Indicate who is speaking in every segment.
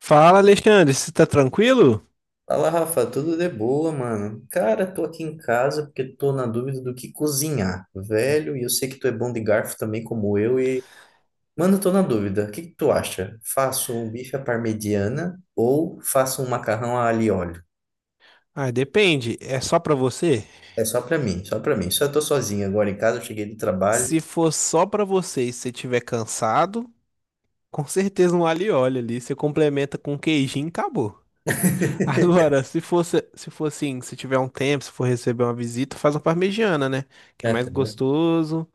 Speaker 1: Fala, Alexandre, você tá tranquilo?
Speaker 2: Fala, Rafa, tudo de boa, mano? Cara, tô aqui em casa porque tô na dúvida do que cozinhar, velho, e eu sei que tu é bom de garfo também como eu e, mano, tô na dúvida. O que que tu acha? Faço um bife à parmegiana ou faço um macarrão a alho e óleo?
Speaker 1: Ah, depende, é só pra você?
Speaker 2: É só pra mim, só pra mim. Só tô sozinho agora em casa, eu cheguei do trabalho.
Speaker 1: Se for só pra você e você tiver cansado, com certeza um alho e óleo ali, você complementa com um queijinho e acabou. Agora, se for assim, se tiver um tempo, se for receber uma visita, faz uma parmegiana, né? Que é mais
Speaker 2: Aham.
Speaker 1: gostoso,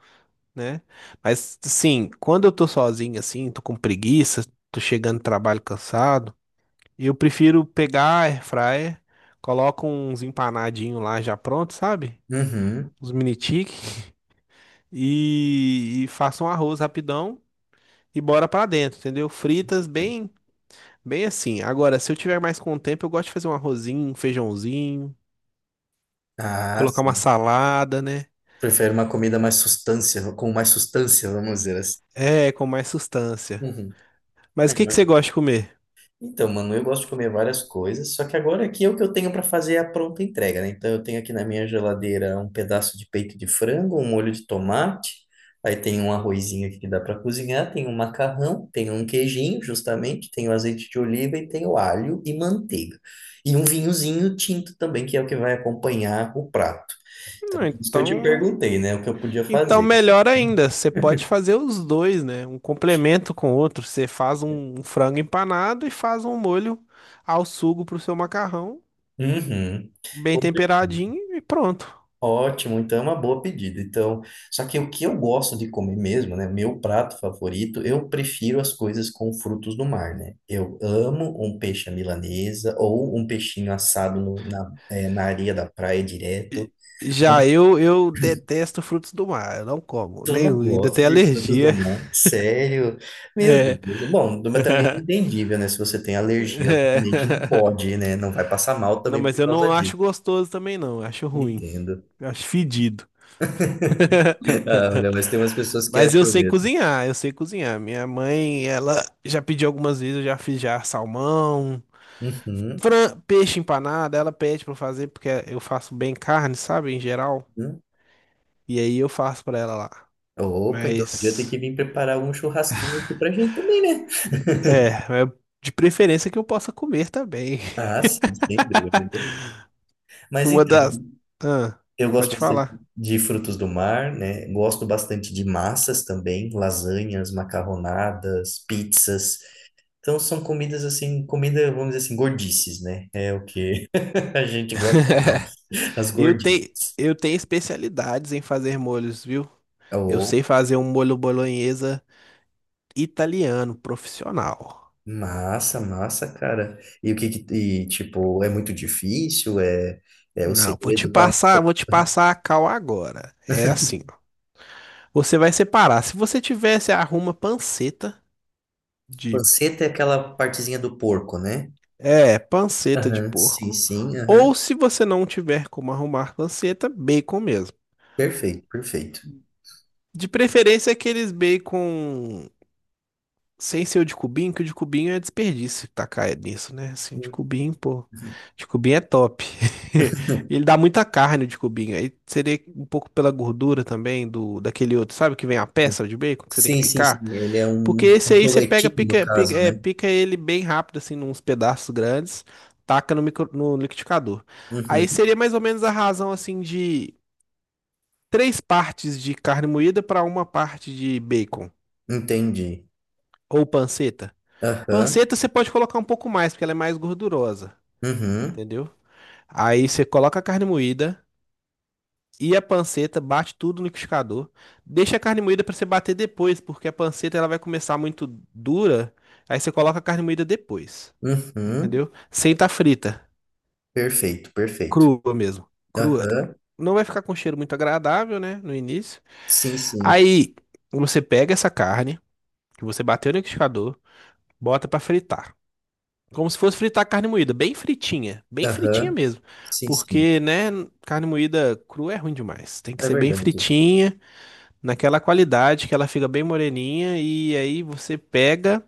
Speaker 1: né? Mas, sim, quando eu tô sozinho assim, tô com preguiça, tô chegando do trabalho cansado, eu prefiro pegar a air fryer, coloco uns empanadinhos lá já pronto, sabe?
Speaker 2: Uhum.
Speaker 1: Os mini tique e faça um arroz rapidão e bora pra dentro, entendeu? Fritas bem, bem assim. Agora, se eu tiver mais com o tempo, eu gosto de fazer um arrozinho, um feijãozinho,
Speaker 2: Ah,
Speaker 1: colocar uma
Speaker 2: sim.
Speaker 1: salada, né?
Speaker 2: Prefiro uma comida mais substância, com mais substância, vamos dizer assim.
Speaker 1: É, com mais sustância.
Speaker 2: Uhum.
Speaker 1: Mas o que que você gosta de comer?
Speaker 2: Então, mano, eu gosto de comer várias coisas, só que agora aqui é o que eu tenho para fazer é a pronta entrega, né? Então, eu tenho aqui na minha geladeira um pedaço de peito de frango, um molho de tomate, aí tem um arrozinho aqui que dá para cozinhar, tem um macarrão, tem um queijinho, justamente, tem o azeite de oliva e tem o alho e manteiga. E um vinhozinho tinto também, que é o que vai acompanhar o prato. Então,
Speaker 1: Não,
Speaker 2: por isso que eu te
Speaker 1: então,
Speaker 2: perguntei, né? O que eu podia
Speaker 1: então
Speaker 2: fazer.
Speaker 1: melhor ainda, você pode fazer os dois, né? Um complemento com o outro. Você faz um frango empanado e faz um molho ao sugo pro seu macarrão,
Speaker 2: Uhum.
Speaker 1: bem temperadinho e pronto.
Speaker 2: Ótimo, então é uma boa pedida. Então, só que o que eu gosto de comer mesmo, né? Meu prato favorito, eu prefiro as coisas com frutos do mar, né? Eu amo um peixe à milanesa ou um peixinho assado na areia da praia direto.
Speaker 1: Já eu detesto frutos do mar, eu não como,
Speaker 2: Eu não
Speaker 1: nenhum, ainda
Speaker 2: gosto
Speaker 1: tenho
Speaker 2: de frutos do
Speaker 1: alergia.
Speaker 2: mar, sério. Meu
Speaker 1: É.
Speaker 2: Deus. Bom, mas também é entendível, né? Se você tem alergia, obviamente não
Speaker 1: É.
Speaker 2: pode, né? Não vai passar mal
Speaker 1: Não,
Speaker 2: também
Speaker 1: mas
Speaker 2: por
Speaker 1: eu
Speaker 2: causa
Speaker 1: não
Speaker 2: disso.
Speaker 1: acho gostoso também não, eu acho ruim,
Speaker 2: Entendo.
Speaker 1: eu acho fedido.
Speaker 2: Ah, olha, mas tem umas pessoas que
Speaker 1: Mas eu
Speaker 2: acham
Speaker 1: sei
Speaker 2: mesmo.
Speaker 1: cozinhar, eu sei cozinhar. Minha mãe, ela já pediu algumas vezes, eu já fiz já salmão,
Speaker 2: Uhum.
Speaker 1: peixe empanado, ela pede pra eu fazer porque eu faço bem carne, sabe, em geral.
Speaker 2: Uhum.
Speaker 1: E aí eu faço pra ela lá.
Speaker 2: Opa, então já tem que
Speaker 1: Mas
Speaker 2: vir preparar um churrasquinho aqui pra gente também, né?
Speaker 1: é, é de preferência que eu possa comer também.
Speaker 2: Ah, sim, sem dúvida. Mas
Speaker 1: Uma
Speaker 2: então,
Speaker 1: das. Ah,
Speaker 2: eu gosto
Speaker 1: pode
Speaker 2: bastante
Speaker 1: falar.
Speaker 2: de frutos do mar, né? Gosto bastante de massas também, lasanhas, macarronadas, pizzas. Então são comidas assim, comida, vamos dizer assim, gordices, né? É o que a gente gosta mais, as
Speaker 1: Eu tenho,
Speaker 2: gordices.
Speaker 1: eu tenho especialidades em fazer molhos, viu? Eu
Speaker 2: Oh,
Speaker 1: sei fazer um molho bolonhesa italiano, profissional.
Speaker 2: massa, massa, cara. E o que que, é muito difícil? É, é o
Speaker 1: Não,
Speaker 2: segredo, tá?
Speaker 1: vou te passar a cal agora. É assim, ó. Você vai separar. Se você tivesse, arruma panceta de,
Speaker 2: Panceta é aquela partezinha do porco, né?
Speaker 1: é, panceta de
Speaker 2: Aham, sim,
Speaker 1: porco.
Speaker 2: sim, aham.
Speaker 1: Ou se você não tiver como arrumar panceta, bacon mesmo.
Speaker 2: Perfeito, perfeito.
Speaker 1: De preferência aqueles bacon sem ser o de cubinho, que o de cubinho é desperdício tacar nisso, né? Assim, de
Speaker 2: Uhum.
Speaker 1: cubinho, pô. De cubinho é top. E ele dá muita carne o de cubinho. Aí seria um pouco pela gordura também do daquele outro, sabe? Que vem a peça de bacon que você tem que
Speaker 2: Sim, sim, sim.
Speaker 1: picar.
Speaker 2: Ele é
Speaker 1: Porque
Speaker 2: um
Speaker 1: esse aí você pega,
Speaker 2: boletim, no
Speaker 1: pica, pica,
Speaker 2: caso,
Speaker 1: é,
Speaker 2: né?
Speaker 1: pica ele bem rápido, assim, nos pedaços grandes, taca no, micro, no liquidificador. Aí
Speaker 2: Uhum.
Speaker 1: seria mais ou menos a razão, assim, de três partes de carne moída para uma parte de bacon.
Speaker 2: Entendi.
Speaker 1: Ou panceta.
Speaker 2: Aham,
Speaker 1: Panceta você pode colocar um pouco mais, porque ela é mais gordurosa,
Speaker 2: uhum.
Speaker 1: entendeu? Aí você coloca a carne moída e a panceta, bate tudo no liquidificador. Deixa a carne moída para você bater depois, porque a panceta ela vai começar muito dura. Aí você coloca a carne moída depois,
Speaker 2: Uhum.
Speaker 1: entendeu? Sem estar frita,
Speaker 2: Perfeito, perfeito.
Speaker 1: crua mesmo, crua.
Speaker 2: Aham,
Speaker 1: Não vai ficar com cheiro muito agradável, né, no início.
Speaker 2: sim, sim.
Speaker 1: Aí você pega essa carne que você bateu no liquidificador, bota para fritar. Como se fosse fritar carne moída, bem fritinha
Speaker 2: Aham,
Speaker 1: mesmo.
Speaker 2: sim, sim.
Speaker 1: Porque, né, carne moída crua é ruim demais. Tem que
Speaker 2: É
Speaker 1: ser bem
Speaker 2: verdade.
Speaker 1: fritinha, naquela qualidade que ela fica bem moreninha e aí você pega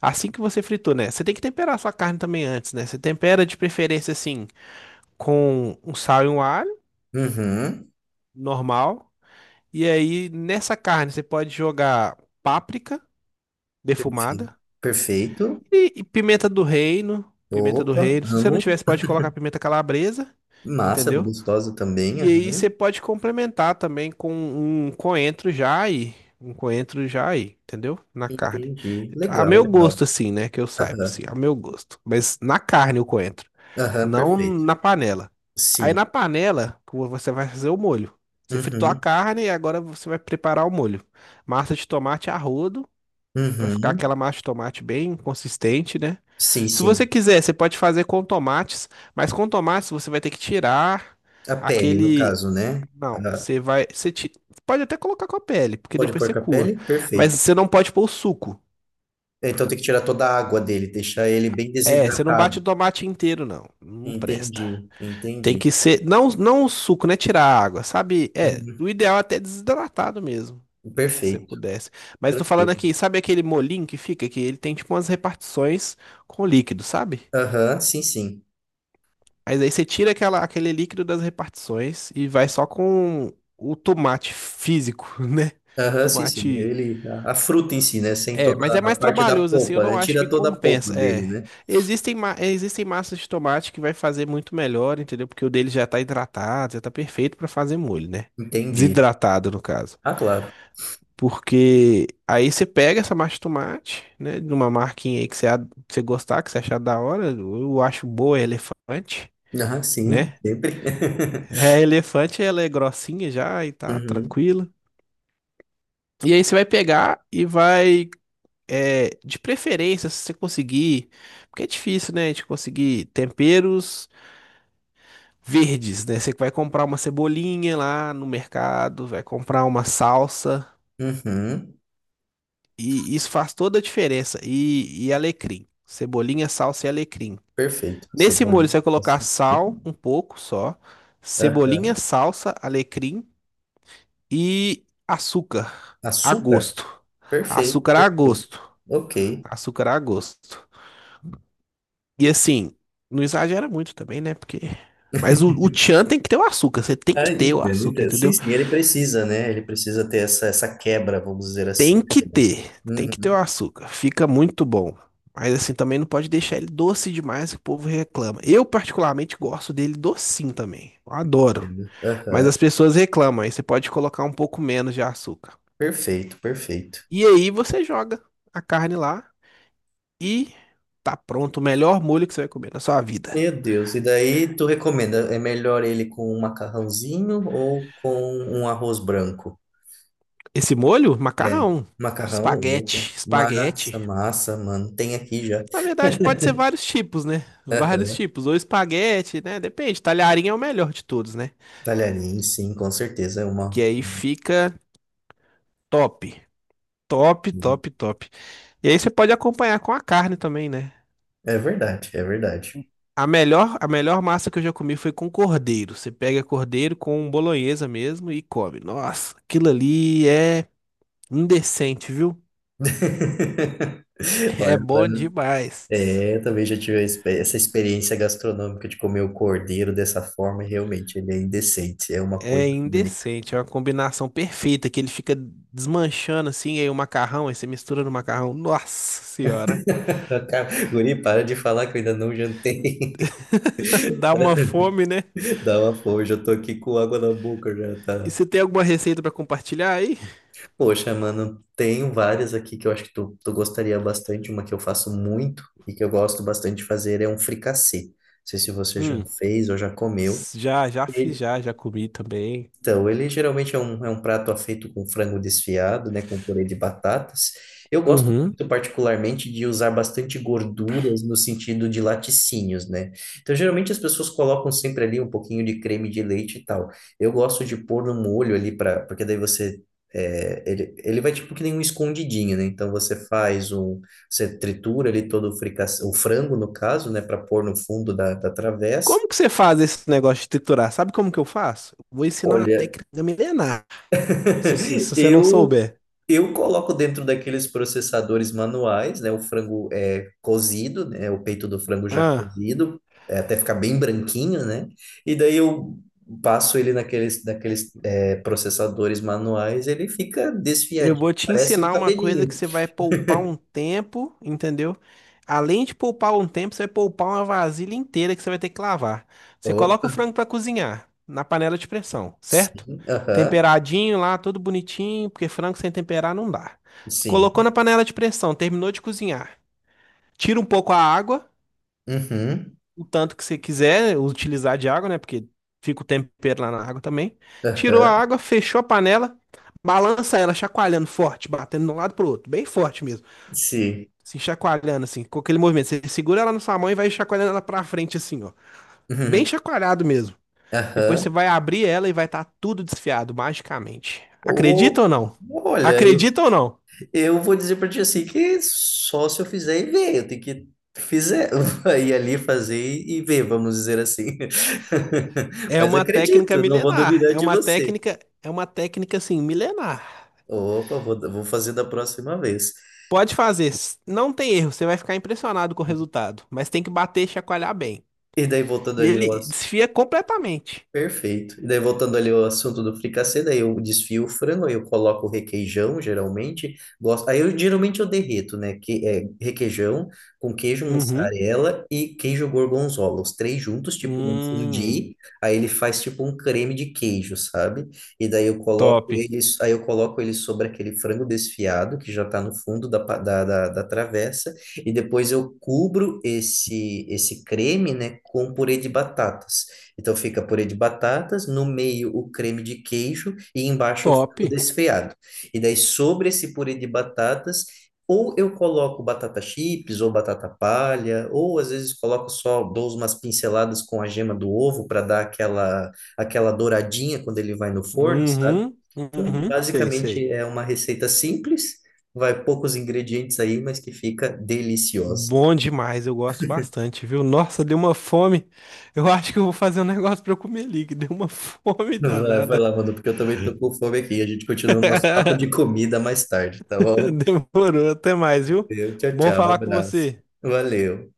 Speaker 1: assim que você fritou, né? Você tem que temperar a sua carne também antes, né? Você tempera de preferência assim com um sal e um alho
Speaker 2: Uhum.
Speaker 1: normal. E aí nessa carne você pode jogar páprica
Speaker 2: Perfeito.
Speaker 1: defumada.
Speaker 2: Perfeito.
Speaker 1: E pimenta do reino, pimenta do
Speaker 2: Opa,
Speaker 1: reino. Se você
Speaker 2: amo.
Speaker 1: não tivesse, pode colocar pimenta calabresa,
Speaker 2: Massa,
Speaker 1: entendeu?
Speaker 2: gostosa também.
Speaker 1: E aí
Speaker 2: Aham.
Speaker 1: você pode complementar também com um coentro já aí, um coentro já aí, entendeu? Na carne.
Speaker 2: Entendi.
Speaker 1: A
Speaker 2: Legal,
Speaker 1: meu
Speaker 2: legal.
Speaker 1: gosto assim, né, que eu saiba
Speaker 2: Aham.
Speaker 1: assim, a meu gosto. Mas na carne o coentro,
Speaker 2: Aham,
Speaker 1: não
Speaker 2: perfeito.
Speaker 1: na panela. Aí
Speaker 2: Sim.
Speaker 1: na panela que você vai fazer o molho. Você fritou a
Speaker 2: Uhum,
Speaker 1: carne e agora você vai preparar o molho. Massa de tomate a rodo. Pra ficar
Speaker 2: uhum.
Speaker 1: aquela massa de tomate bem consistente, né?
Speaker 2: Sim,
Speaker 1: Se você
Speaker 2: sim.
Speaker 1: quiser, você pode fazer com tomates, mas com tomates você vai ter que tirar
Speaker 2: A pele, no
Speaker 1: aquele.
Speaker 2: caso, né?
Speaker 1: Não,
Speaker 2: Ah,
Speaker 1: você vai. Pode até colocar com a pele, porque
Speaker 2: pode
Speaker 1: depois
Speaker 2: pôr
Speaker 1: você
Speaker 2: com a
Speaker 1: coa.
Speaker 2: pele?
Speaker 1: Mas
Speaker 2: Perfeito.
Speaker 1: você não pode pôr o suco.
Speaker 2: Então tem que tirar toda a água dele, deixar ele bem
Speaker 1: É, você não
Speaker 2: desidratado.
Speaker 1: bate o tomate inteiro, não. Não presta.
Speaker 2: Entendi,
Speaker 1: Tem
Speaker 2: entendi.
Speaker 1: que ser. Não, não o suco, né? Tirar a água, sabe? É,
Speaker 2: Uhum,
Speaker 1: o ideal é até desidratado mesmo, né? Se você
Speaker 2: perfeito,
Speaker 1: pudesse. Mas tô falando
Speaker 2: tranquilo.
Speaker 1: aqui, sabe aquele molinho que fica? Que ele tem tipo umas repartições com líquido, sabe?
Speaker 2: Aham, sim, sim.
Speaker 1: Mas aí você tira aquela, aquele líquido das repartições e vai só com o tomate físico, né?
Speaker 2: Aham, sim, sim.
Speaker 1: Tomate.
Speaker 2: Ele, a fruta em si, né? Sem
Speaker 1: É,
Speaker 2: toda
Speaker 1: mas é
Speaker 2: a
Speaker 1: mais
Speaker 2: parte da
Speaker 1: trabalhoso, assim, eu
Speaker 2: polpa,
Speaker 1: não
Speaker 2: né?
Speaker 1: acho que
Speaker 2: Tira toda a polpa
Speaker 1: compensa.
Speaker 2: dele,
Speaker 1: É.
Speaker 2: né?
Speaker 1: Existem, existem massas de tomate que vai fazer muito melhor, entendeu? Porque o dele já tá hidratado, já tá perfeito pra fazer molho, né?
Speaker 2: Entendi.
Speaker 1: Desidratado, no caso.
Speaker 2: Ah, claro.
Speaker 1: Porque aí você pega essa massa de tomate, né? De uma marquinha aí que você, que você gostar, que você achar da hora. Eu acho boa, é elefante,
Speaker 2: Aham, sim,
Speaker 1: né?
Speaker 2: sempre.
Speaker 1: É, elefante, ela é grossinha já e tá
Speaker 2: Uhum,
Speaker 1: tranquila. E aí você vai pegar e vai, é, de preferência, se você conseguir, porque é difícil, né, de conseguir temperos verdes, né? Você vai comprar uma cebolinha lá no mercado, vai comprar uma salsa,
Speaker 2: uhum.
Speaker 1: e isso faz toda a diferença. E alecrim, cebolinha, salsa e alecrim.
Speaker 2: Perfeito.
Speaker 1: Nesse molho
Speaker 2: Cebolinha,
Speaker 1: você vai colocar
Speaker 2: açúcar.
Speaker 1: sal, um pouco só, cebolinha,
Speaker 2: Aham.
Speaker 1: salsa, alecrim e açúcar. A
Speaker 2: Açúcar?
Speaker 1: gosto.
Speaker 2: Perfeito,
Speaker 1: Açúcar a
Speaker 2: perfeito.
Speaker 1: gosto.
Speaker 2: Ok.
Speaker 1: Açúcar a gosto. E assim, não exagera muito também, né? Porque. Mas o tchan tem que ter o açúcar. Você tem
Speaker 2: Ah,
Speaker 1: que ter o
Speaker 2: entendo,
Speaker 1: açúcar,
Speaker 2: entendo. Sim,
Speaker 1: entendeu?
Speaker 2: sim, ele precisa, né? Ele precisa ter essa quebra, vamos dizer assim,
Speaker 1: Tem que
Speaker 2: né?
Speaker 1: ter. Tem que ter o
Speaker 2: Uhum,
Speaker 1: açúcar. Fica muito bom. Mas assim, também não pode deixar ele doce demais que o povo reclama. Eu, particularmente, gosto dele docinho também. Eu adoro.
Speaker 2: entendo.
Speaker 1: Mas
Speaker 2: Aham.
Speaker 1: as pessoas reclamam. Aí você pode colocar um pouco menos de açúcar.
Speaker 2: Perfeito, perfeito.
Speaker 1: E aí você joga a carne lá e tá pronto o melhor molho que você vai comer na sua vida.
Speaker 2: Meu Deus, e daí tu recomenda, é melhor ele com um macarrãozinho ou com um arroz branco?
Speaker 1: Esse molho?
Speaker 2: É,
Speaker 1: Macarrão.
Speaker 2: macarrão, opa,
Speaker 1: Espaguete.
Speaker 2: massa,
Speaker 1: Espaguete.
Speaker 2: massa, mano, tem aqui já.
Speaker 1: Na verdade, pode ser vários tipos, né? Vários
Speaker 2: Aham.
Speaker 1: tipos. Ou espaguete, né? Depende. Talharim é o melhor de todos, né?
Speaker 2: Talharim, sim, com certeza é
Speaker 1: Que
Speaker 2: uma.
Speaker 1: aí fica top. Top, top, top. E aí você pode acompanhar com a carne também, né?
Speaker 2: É verdade, é verdade.
Speaker 1: A melhor massa que eu já comi foi com cordeiro. Você pega cordeiro com bolonhesa mesmo e come. Nossa, aquilo ali é indecente, viu? É
Speaker 2: Olha,
Speaker 1: bom
Speaker 2: mano,
Speaker 1: demais.
Speaker 2: é, eu também já tive essa experiência gastronômica de comer o cordeiro dessa forma e realmente ele é indecente, é uma
Speaker 1: É
Speaker 2: coisa única.
Speaker 1: indecente, é uma combinação perfeita que ele fica desmanchando assim, e aí o macarrão, aí você mistura no macarrão. Nossa senhora,
Speaker 2: Cara, Guri, para de falar que eu ainda não jantei.
Speaker 1: dá uma fome, né?
Speaker 2: Dá uma fome, já tô aqui com água na boca, já
Speaker 1: E
Speaker 2: tá.
Speaker 1: você tem alguma receita pra compartilhar aí?
Speaker 2: Poxa, mano, tenho várias aqui que eu acho que tu gostaria bastante. Uma que eu faço muito e que eu gosto bastante de fazer é um fricassê. Não sei se você já
Speaker 1: Hum,
Speaker 2: fez ou já comeu.
Speaker 1: já, já fiz,
Speaker 2: Ele-
Speaker 1: já, já comi também.
Speaker 2: Então, ele geralmente é é um prato feito com frango desfiado, né, com purê de batatas. Eu gosto
Speaker 1: Uhum.
Speaker 2: muito particularmente de usar bastante gorduras no sentido de laticínios, né? Então, geralmente as pessoas colocam sempre ali um pouquinho de creme de leite e tal. Eu gosto de pôr no molho ali para, porque daí ele, ele vai tipo que nem um escondidinho, né? Então você você tritura ali todo o fricassê, o frango no caso, né, para pôr no fundo da travessa.
Speaker 1: Como que você faz esse negócio de triturar? Sabe como que eu faço? Eu vou ensinar uma
Speaker 2: Olha,
Speaker 1: técnica milenar, se você não
Speaker 2: eu
Speaker 1: souber.
Speaker 2: Eu coloco dentro daqueles processadores manuais, né? O frango é cozido, né? O peito do frango já
Speaker 1: Ah.
Speaker 2: cozido, é, até ficar bem branquinho, né? E daí eu passo ele naqueles, naqueles é, processadores manuais, ele fica
Speaker 1: Eu
Speaker 2: desfiadinho,
Speaker 1: vou te
Speaker 2: parece um
Speaker 1: ensinar uma coisa que
Speaker 2: cabelinho.
Speaker 1: você vai poupar um tempo, entendeu? Além de poupar um tempo, você vai poupar uma vasilha inteira que você vai ter que lavar. Você coloca
Speaker 2: Opa,
Speaker 1: o frango para cozinhar na panela de pressão, certo?
Speaker 2: sim, aham,
Speaker 1: Temperadinho lá, tudo bonitinho, porque frango sem temperar não dá. Colocou
Speaker 2: sim,
Speaker 1: na panela de pressão, terminou de cozinhar. Tira um pouco a água,
Speaker 2: uhum,
Speaker 1: o tanto que você quiser utilizar de água, né? Porque fica o tempero lá na água também. Tirou a
Speaker 2: aham,
Speaker 1: água, fechou a panela, balança ela, chacoalhando forte, batendo de um lado pro outro, bem forte mesmo.
Speaker 2: sim,
Speaker 1: Assim, chacoalhando, assim, com aquele movimento. Você segura ela na sua mão e vai chacoalhando ela pra frente, assim, ó. Bem
Speaker 2: uhum,
Speaker 1: chacoalhado mesmo. Depois você
Speaker 2: aham.
Speaker 1: vai abrir ela e vai estar tudo desfiado, magicamente. Acredita
Speaker 2: Ô,
Speaker 1: ou não?
Speaker 2: olha, eu,
Speaker 1: Acredita ou não?
Speaker 2: Eu vou dizer para ti assim que só se eu fizer e ver, eu fizer, ir ali fazer e ver, vamos dizer assim.
Speaker 1: É
Speaker 2: Mas
Speaker 1: uma técnica
Speaker 2: acredito, não vou
Speaker 1: milenar.
Speaker 2: duvidar de você.
Speaker 1: É uma técnica, assim, milenar.
Speaker 2: Opa, vou, vou fazer da próxima vez.
Speaker 1: Pode fazer, não tem erro, você vai ficar impressionado com o resultado, mas tem que bater e chacoalhar bem.
Speaker 2: E daí voltando
Speaker 1: E
Speaker 2: ali ao
Speaker 1: ele desfia completamente.
Speaker 2: Perfeito. E daí, voltando ali ao assunto do fricassê, daí eu desfio o frango, aí eu coloco o requeijão, geralmente. Gosto... Aí eu geralmente eu derreto, né? Que é requeijão com queijo
Speaker 1: Uhum.
Speaker 2: mussarela e queijo gorgonzola. Os três juntos, tipo, não
Speaker 1: Hum,
Speaker 2: fundir. Aí ele faz tipo um creme de queijo, sabe? E daí eu coloco
Speaker 1: top.
Speaker 2: eles, aí eu coloco ele sobre aquele frango desfiado que já tá no fundo da, pa- da, da, da travessa. E depois eu cubro esse creme, né, com purê de batata. Então fica purê de batatas, no meio o creme de queijo e embaixo o
Speaker 1: Top.
Speaker 2: frango desfiado. E daí sobre esse purê de batatas, ou eu coloco batata chips ou batata palha, ou às vezes coloco só, dou umas pinceladas com a gema do ovo para dar aquela douradinha quando ele vai no forno, sabe?
Speaker 1: Uhum.
Speaker 2: Então,
Speaker 1: Uhum. Sei,
Speaker 2: basicamente
Speaker 1: sei.
Speaker 2: é uma receita simples, vai poucos ingredientes aí, mas que fica deliciosa.
Speaker 1: Bom demais, eu gosto bastante, viu? Nossa, deu uma fome. Eu acho que eu vou fazer um negócio pra eu comer ali, que deu uma fome
Speaker 2: Vai, vai
Speaker 1: danada.
Speaker 2: lá, mano, porque eu também tô com fome aqui. A gente continua o nosso papo de comida mais tarde, tá bom?
Speaker 1: Demorou, até mais, viu?
Speaker 2: Tchau,
Speaker 1: Bom
Speaker 2: tchau,
Speaker 1: falar com
Speaker 2: abraço.
Speaker 1: você.
Speaker 2: Valeu.